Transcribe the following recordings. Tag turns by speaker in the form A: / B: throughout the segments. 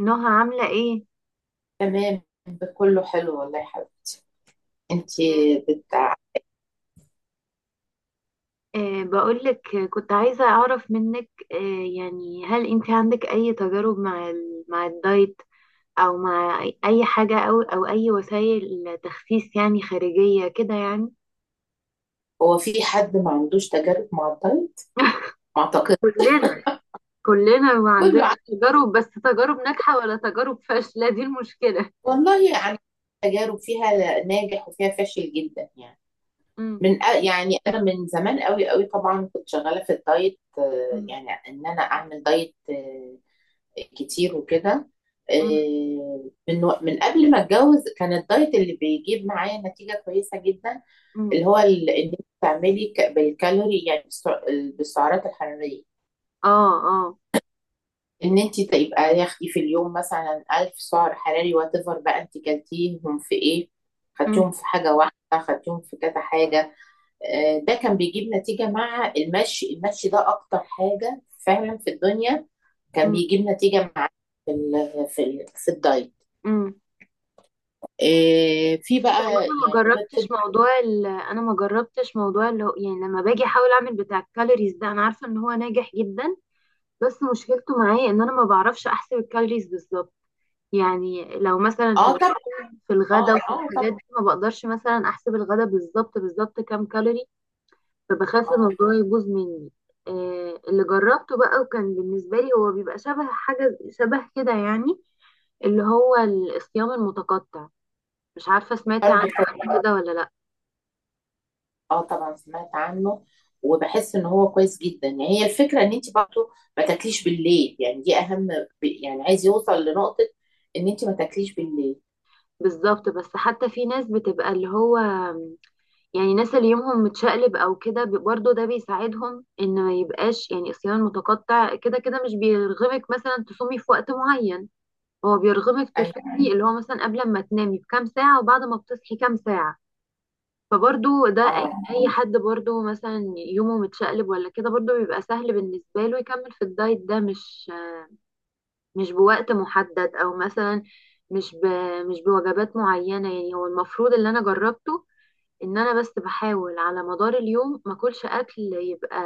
A: نهى عاملة ايه؟
B: تمام. ده كله حلو والله يا حبيبي. انتي بت...
A: بقولك، كنت عايزة أعرف منك، يعني هل انت عندك أي تجارب مع الدايت، أو مع أي حاجة، أو أي وسائل تخسيس يعني خارجية كده يعني.
B: هو في حد ما عندوش تجارب مع الدايت؟ ما اعتقد.
A: كلنا. كلنا
B: كله
A: وعندنا
B: عنده
A: تجارب، بس تجارب ناجحة ولا تجارب فاشلة، دي المشكلة.
B: والله يعني، تجارب فيها ناجح وفيها فاشل جدا يعني.
A: مم.
B: يعني انا من زمان قوي قوي طبعا كنت شغاله في الدايت،
A: مم.
B: يعني ان انا اعمل دايت كتير وكده.
A: مم.
B: من قبل ما اتجوز كان الدايت اللي بيجيب معايا نتيجه كويسه جدا،
A: مم.
B: اللي هو ان انت تعملي بالكالوري، يعني بالسعرات الحراريه.
A: اه. اه.
B: ان انت تبقى ياخدي في اليوم مثلا 1000 سعر حراري، وات ايفر بقى انت كلتيهم في ايه،
A: مم.
B: خدتيهم في حاجه واحده، خدتيهم في كذا حاجه. ده كان بيجيب نتيجه مع المشي. المشي ده اكتر حاجه فعلا في الدنيا كان
A: مم.
B: بيجيب نتيجه مع في الدايت.
A: مم.
B: في
A: بصي،
B: بقى
A: هو انا
B: يعني
A: ما
B: غير
A: جربتش
B: كده.
A: انا ما جربتش موضوع اللي هو، يعني، لما باجي احاول اعمل بتاع الكالوريز ده، انا عارفه ان هو ناجح جدا، بس مشكلته معايا ان انا ما بعرفش احسب الكالوريز بالظبط. يعني لو مثلا
B: اه طب.
A: في الغدا
B: اه
A: وفي
B: اه طب.
A: الحاجات دي ما بقدرش مثلا احسب الغدا بالظبط بالظبط كام كالوري، فبخاف
B: اه
A: الموضوع يبوظ مني. اللي جربته بقى وكان بالنسبه لي هو بيبقى شبه حاجه شبه كده، يعني اللي هو الصيام المتقطع، مش عارفه سمعتي عنه
B: برضه.
A: قبل كده ولا لا؟
B: اه طبعا سمعت عنه، وبحس ان هو كويس جدا يعني. هي الفكره ان انت برضه ما تاكليش بالليل، يعني دي اهم. يعني عايز يوصل لنقطه ان انت ما تاكليش بالليل.
A: بالظبط، بس حتى في ناس بتبقى اللي هو، يعني ناس اللي يومهم متشقلب او كده، برضه ده بيساعدهم ان ما يبقاش، يعني صيام متقطع كده كده مش بيرغمك مثلا تصومي في وقت معين، هو بيرغمك
B: ايوه.
A: تصومي اللي هو مثلا قبل ما تنامي بكام ساعة وبعد ما بتصحي كام ساعة. فبرضه ده اي
B: اه.
A: أي حد برضه مثلا يومه متشقلب ولا كده برضه بيبقى سهل بالنسبة له يكمل في الدايت ده، مش بوقت محدد او مثلا مش ب... مش بوجبات معينة، يعني هو المفروض اللي انا جربته ان انا بس بحاول على مدار اليوم ما اكلش اكل يبقى،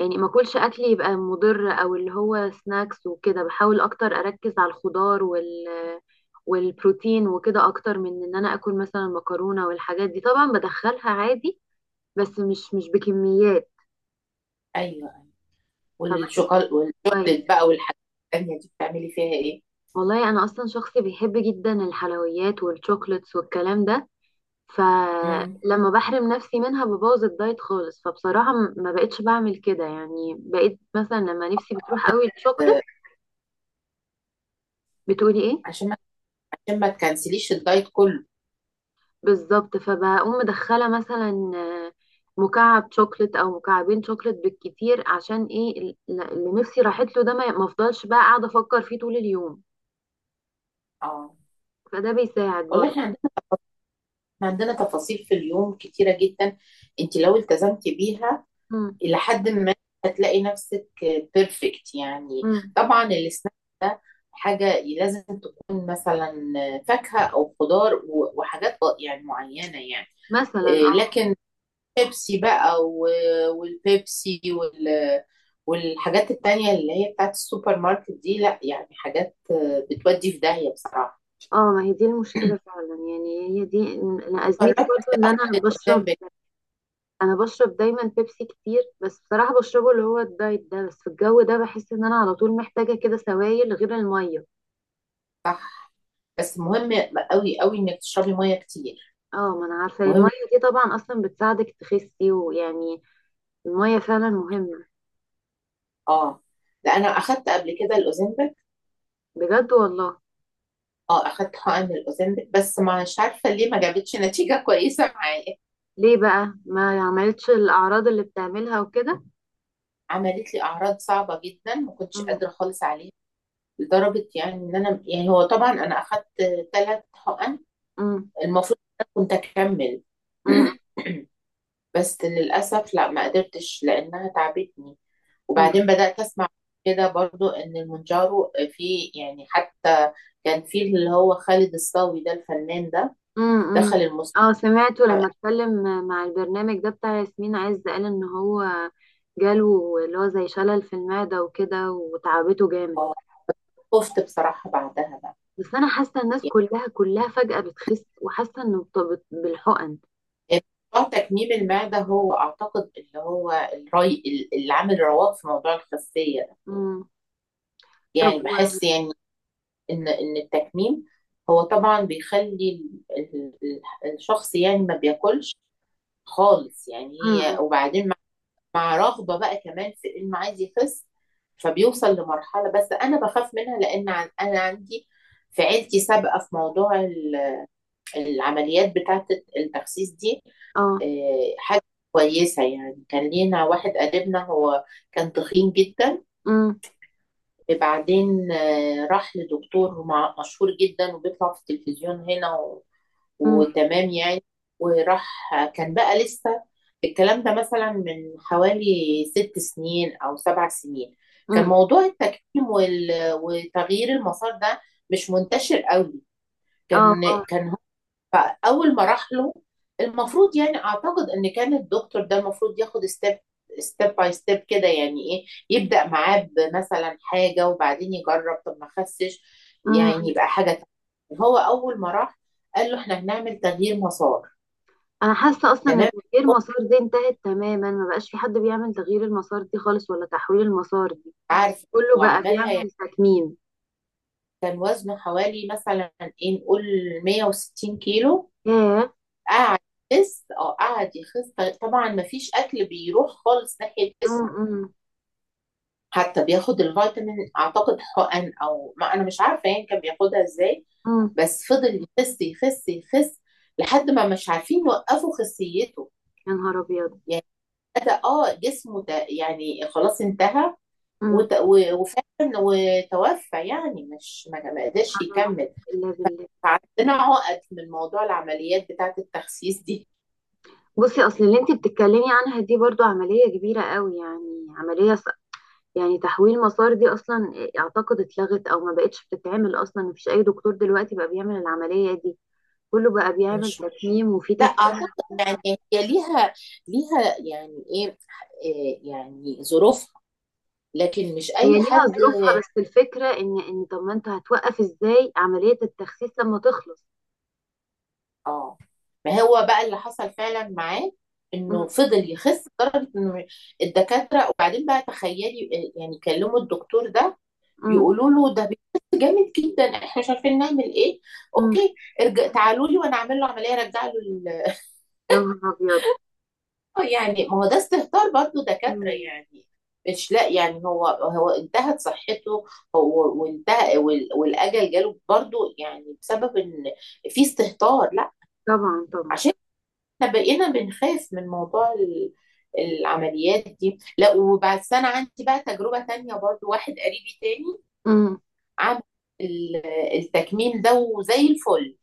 A: يعني ما اكلش اكل يبقى مضر او اللي هو سناكس وكده، بحاول اكتر اركز على الخضار والبروتين وكده اكتر من ان انا اكل مثلا مكرونة والحاجات دي، طبعا بدخلها عادي بس مش بكميات،
B: ايوه.
A: فبحس
B: والشوكولاته
A: كويس.
B: والشوكليت بقى والحاجات التانيه دي بتعملي فيها ايه؟
A: والله انا اصلا شخص بيحب جدا الحلويات والشوكليتس والكلام ده،
B: امم
A: فلما بحرم نفسي منها ببوظ الدايت خالص. فبصراحة ما بقتش بعمل كده، يعني بقيت مثلا لما نفسي بتروح قوي الشوكليت،
B: آه،
A: بتقولي ايه؟
B: عشان ما، تكنسليش الدايت كله.
A: بالظبط، فبقوم مدخلة مثلا مكعب شوكليت او مكعبين شوكليت بالكتير، عشان ايه؟ اللي نفسي راحت له ده ما افضلش بقى قاعدة افكر فيه طول اليوم،
B: اه
A: فده بيساعد
B: والله
A: برضه.
B: احنا عندنا تفاصيل في اليوم كتيره جدا، انت لو التزمتي بيها
A: مم.
B: إلى حد ما، هتلاقي نفسك بيرفكت يعني.
A: مم.
B: طبعا السناك ده حاجة لازم تكون مثلا فاكهة أو خضار وحاجات يعني معينة يعني.
A: مثلا،
B: إيه،
A: اه.
B: لكن بيبسي بقى والبيبسي والحاجات التانية اللي هي بتاعت السوبر ماركت دي لا يعني، حاجات بتودي في داهية بصراحة.
A: ما هي دي المشكلة فعلا، يعني هي دي أنا أزمتي
B: جربت
A: برضه ان
B: قدام بيت.
A: انا بشرب دايما بيبسي كتير، بس بصراحة بشربه اللي هو الدايت ده، بس في الجو ده بحس ان انا على طول محتاجة كده سوائل غير المية.
B: صح. بس مهم قوي قوي انك تشربي مية كتير.
A: اه ما انا عارفة المية
B: مهم.
A: دي طبعا اصلا بتساعدك تخسي ويعني المية فعلا مهمة.
B: اه. لا انا اخدت قبل كده الاوزمبل.
A: بجد والله؟
B: اه اخدت حقن الاوزمبيك، بس مش عارفه ليه ما جابتش نتيجه كويسه معايا.
A: ليه بقى، ما عملتش الاعراض اللي بتعملها وكده؟
B: عملت لي اعراض صعبه جدا، ما كنتش
A: أم.
B: قادره خالص عليها، لدرجه يعني ان انا يعني، هو طبعا انا اخدت ثلاث حقن،
A: أم.
B: المفروض إن انا كنت اكمل.
A: أم.
B: بس للاسف لا، ما قدرتش لانها تعبتني.
A: أم.
B: وبعدين بدات اسمع كده برضو ان المونجارو، في يعني حتى كان في اللي هو خالد الصاوي ده الفنان ده
A: أم.
B: دخل
A: أم.
B: المستشفى.
A: اه، سمعته لما اتكلم مع البرنامج ده بتاع ياسمين عز، قال ان هو جاله اللي هو زي شلل في المعدة وكده وتعبته جامد.
B: خفت بصراحه بعدها بقى.
A: بس انا حاسه الناس كلها كلها فجأة بتخس، وحاسه انه بالحقن.
B: موضوع تكميم المعدة هو أعتقد اللي هو الري، اللي عامل رواق في موضوع الخسية ده.
A: مم. طب
B: يعني
A: و...
B: بحس يعني إن التكميم هو طبعا بيخلي الشخص يعني ما بياكلش خالص يعني، هي.
A: مم.
B: وبعدين مع رغبة بقى كمان في إنه عايز يخس، فبيوصل لمرحلة. بس أنا بخاف منها، لأن أنا عندي في عيلتي سابقة في موضوع العمليات بتاعة التخسيس دي.
A: اه.
B: حاجة كويسة يعني، كان لينا واحد قريبنا، هو كان تخين جدا.
A: مم.
B: بعدين راح لدكتور مشهور جدا وبيطلع في التلفزيون هنا،
A: مم.
B: وتمام يعني. وراح، كان بقى لسه الكلام ده مثلا من حوالي 6 سنين أو 7 سنين، كان
A: مم.
B: موضوع التكميم وتغيير المسار ده مش منتشر قوي.
A: اه.
B: كان
A: اه.
B: كان فاول ما راح له، المفروض يعني اعتقد ان كان الدكتور ده المفروض ياخد ستيب، ستيب باي ستيب كده، يعني ايه، يبدا معاه بمثلا حاجه وبعدين يجرب. طب ما خسش يعني
A: مم.
B: يبقى حاجه تانية. هو اول ما راح قال له احنا هنعمل تغيير مسار.
A: انا حاسه اصلا ان
B: تمام،
A: تغيير
B: هو
A: مسار دي انتهت تماما، ما بقاش في حد بيعمل تغيير المسار دي خالص ولا تحويل المسار دي،
B: عارف.
A: كله بقى
B: وعملها يعني.
A: بيعمل تكميم.
B: كان وزنه حوالي مثلا، ايه نقول، 160 كيلو.
A: ياه.
B: قعد يخس، اه قعد يخس، طبعا ما فيش اكل بيروح خالص ناحيه
A: مم.
B: جسمه.
A: مم.
B: حتى بياخد الفيتامين اعتقد حقن، او ما، انا مش عارفه يعني كان بياخدها ازاي.
A: مم.
B: بس فضل يخس يخس يخس لحد ما مش عارفين يوقفوا خسيته.
A: يا نهار ابيض.
B: يعني بدا اه جسمه ده يعني خلاص انتهى.
A: مم.
B: وفعلا وتوفى يعني، مش ما قدرش
A: حول ولا قوة
B: يكمل.
A: الا بالله.
B: فعندنا عقد من موضوع العمليات بتاعه التخسيس دي.
A: بصي، اصل اللي انت بتتكلمي عنها دي برضو عمليه كبيره قوي، يعني عمليه، يعني تحويل مسار دي اصلا اعتقد اتلغت او ما بقتش بتتعمل اصلا، مفيش اي دكتور دلوقتي بقى بيعمل العملية دي، كله بقى بيعمل
B: مش،
A: تكميم. وفي
B: لا
A: تكميم
B: اعتقد يعني هي ليها، يعني ايه، يعني ظروفها، لكن مش
A: هي
B: اي
A: ليها
B: حد.
A: ظروفها، بس الفكرة ان طب ما انت هتوقف ازاي عملية التخسيس لما تخلص؟
B: اه ما هو بقى اللي حصل فعلا معاه انه
A: مم.
B: فضل يخس لدرجه ان الدكاتره، وبعدين بقى تخيلي يعني كلموا الدكتور ده
A: مم.
B: يقولوا له ده بيخس جامد جدا، احنا مش عارفين نعمل ايه.
A: مم.
B: اوكي، ارجع تعالوا لي وانا اعمل له عمليه، ارجع له
A: يا نهار ابيض.
B: يعني ما هو ده استهتار برضه دكاتره
A: مم.
B: يعني. مش لا يعني، هو انتهت صحته، هو وانتهى والاجل جاله برضه، يعني بسبب ان في استهتار، لا.
A: طبعا طبعا.
B: عشان احنا بقينا بنخاف من موضوع العمليات دي، لا. وبس انا عندي بقى تجربة تانية برضو، واحد قريبي تاني
A: مم.
B: عمل ال- التكميم ده وزي الفل.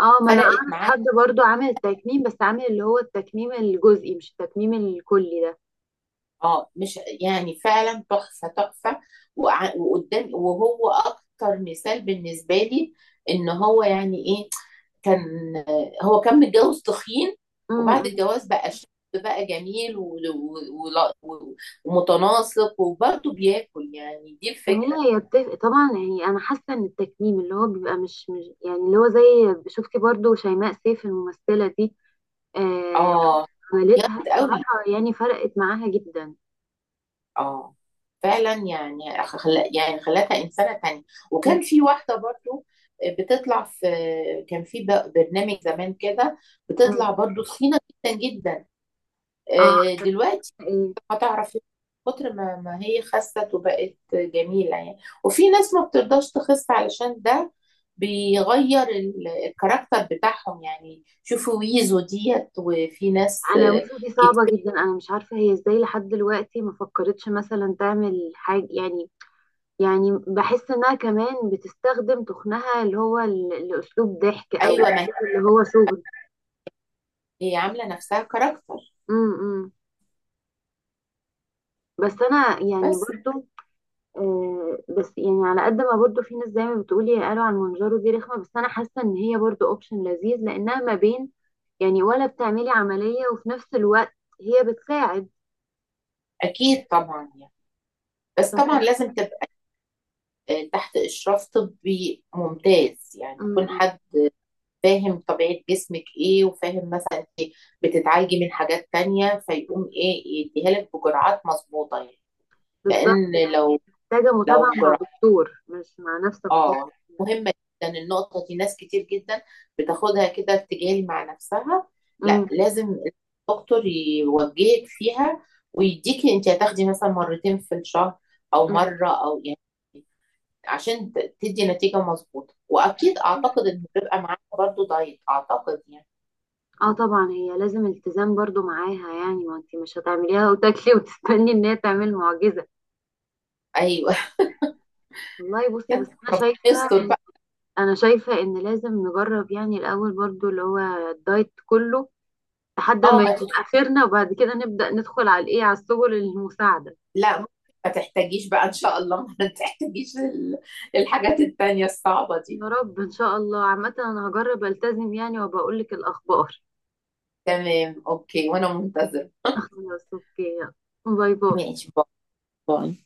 A: اه ما انا
B: فرقت
A: اعرف
B: معاه
A: حد برضو عامل التكميم، بس عامل اللي هو التكميم الجزئي مش التكميم الكلي ده.
B: اه، مش يعني، فعلا تحفة تحفة. وقدام، وهو اكتر مثال بالنسبة لي ان هو يعني ايه، كان هو كان متجوز تخين. وبعد
A: مم.
B: الجواز بقى شاب، بقى جميل ومتناسق وبرضه بياكل، يعني دي
A: ما
B: الفكرة.
A: هي يتفق طبعا، يعني انا حاسه ان التكميم اللي هو بيبقى مش يعني اللي هو زي، شفتي برضو شيماء سيف الممثله دي؟ آه.
B: اه
A: عملتها
B: جامد قوي.
A: بصراحه، يعني فرقت معاها جدا.
B: اه فعلا يعني خلا يعني خلتها إنسانة تانية.
A: م-
B: وكان في واحدة برضه بتطلع في، كان في برنامج زمان كده،
A: م.
B: بتطلع برضه تخينة جدا جدا.
A: اه.
B: دلوقتي
A: ايه؟
B: هتعرف كتر ما هي خست وبقت جميلة يعني. وفي ناس ما بترضاش تخس علشان ده بيغير الكاركتر بتاعهم، يعني شوفوا ويزو ديت، وفي ناس
A: انا وشو دي صعبه
B: كتير.
A: جدا، انا مش عارفه هي ازاي لحد دلوقتي ما فكرتش مثلا تعمل حاجه، يعني يعني بحس انها كمان بتستخدم تخنها، اللي هو الاسلوب ضحك او
B: ايوه، ما
A: أسلوب اللي هو شغل.
B: هي عاملة نفسها كاركتر.
A: م- م. بس انا يعني
B: بس
A: برضو، بس يعني على قد ما برضو في ناس زي ما بتقولي قالوا عن منجرو دي رخمة، بس انا حاسة ان هي برضو اوبشن لذيذ لانها ما بين، يعني، ولا بتعملي عملية وفي نفس الوقت هي بتساعد.
B: اكيد طبعا يعني، بس
A: ف-
B: طبعا لازم تبقى تحت اشراف طبي ممتاز، يعني
A: م-
B: يكون
A: م.
B: حد فاهم طبيعة جسمك ايه، وفاهم مثلا بتتعالجي من حاجات تانية، فيقوم ايه يديها لك بجرعات مظبوطة يعني.
A: بالظبط
B: لان
A: يعني، محتاجة متابعة
B: لو جرى
A: مع دكتور مش مع نفسك خالص
B: اه.
A: يعني.
B: مهمه جدا النقطه دي، ناس كتير جدا بتاخدها كده ارتجال مع نفسها،
A: م-
B: لا لازم الدكتور يوجهك فيها، ويديكي انت هتاخدي مثلا مرتين في الشهر او
A: م.
B: مره او يعني، عشان تدي نتيجه مظبوطه، واكيد اعتقد ان بيبقى معاها برضو دايت اعتقد يعني.
A: اه طبعا هي لازم التزام برضو معاها، يعني ما انت مش هتعمليها وتاكلي وتستني ان هي تعمل معجزة.
B: ايوه.
A: والله بصي، بس
B: يلا ربنا يستر بقى.
A: انا شايفة ان لازم نجرب، يعني الاول برضو اللي هو الدايت كله لحد ما
B: اه ما
A: نجيب
B: تدخل،
A: اخرنا، وبعد كده نبدأ ندخل على الايه، على السبل المساعدة.
B: لا ممكن ما تحتاجيش بقى ان شاء الله، ما تحتاجيش الحاجات التانية الصعبة دي.
A: يا رب ان شاء الله. عامة انا هجرب التزم يعني وبقول لك الاخبار.
B: تمام، اوكي، وانا منتظر.
A: خلاص اوكي يلا. باي باي.
B: ماشي، باي باي.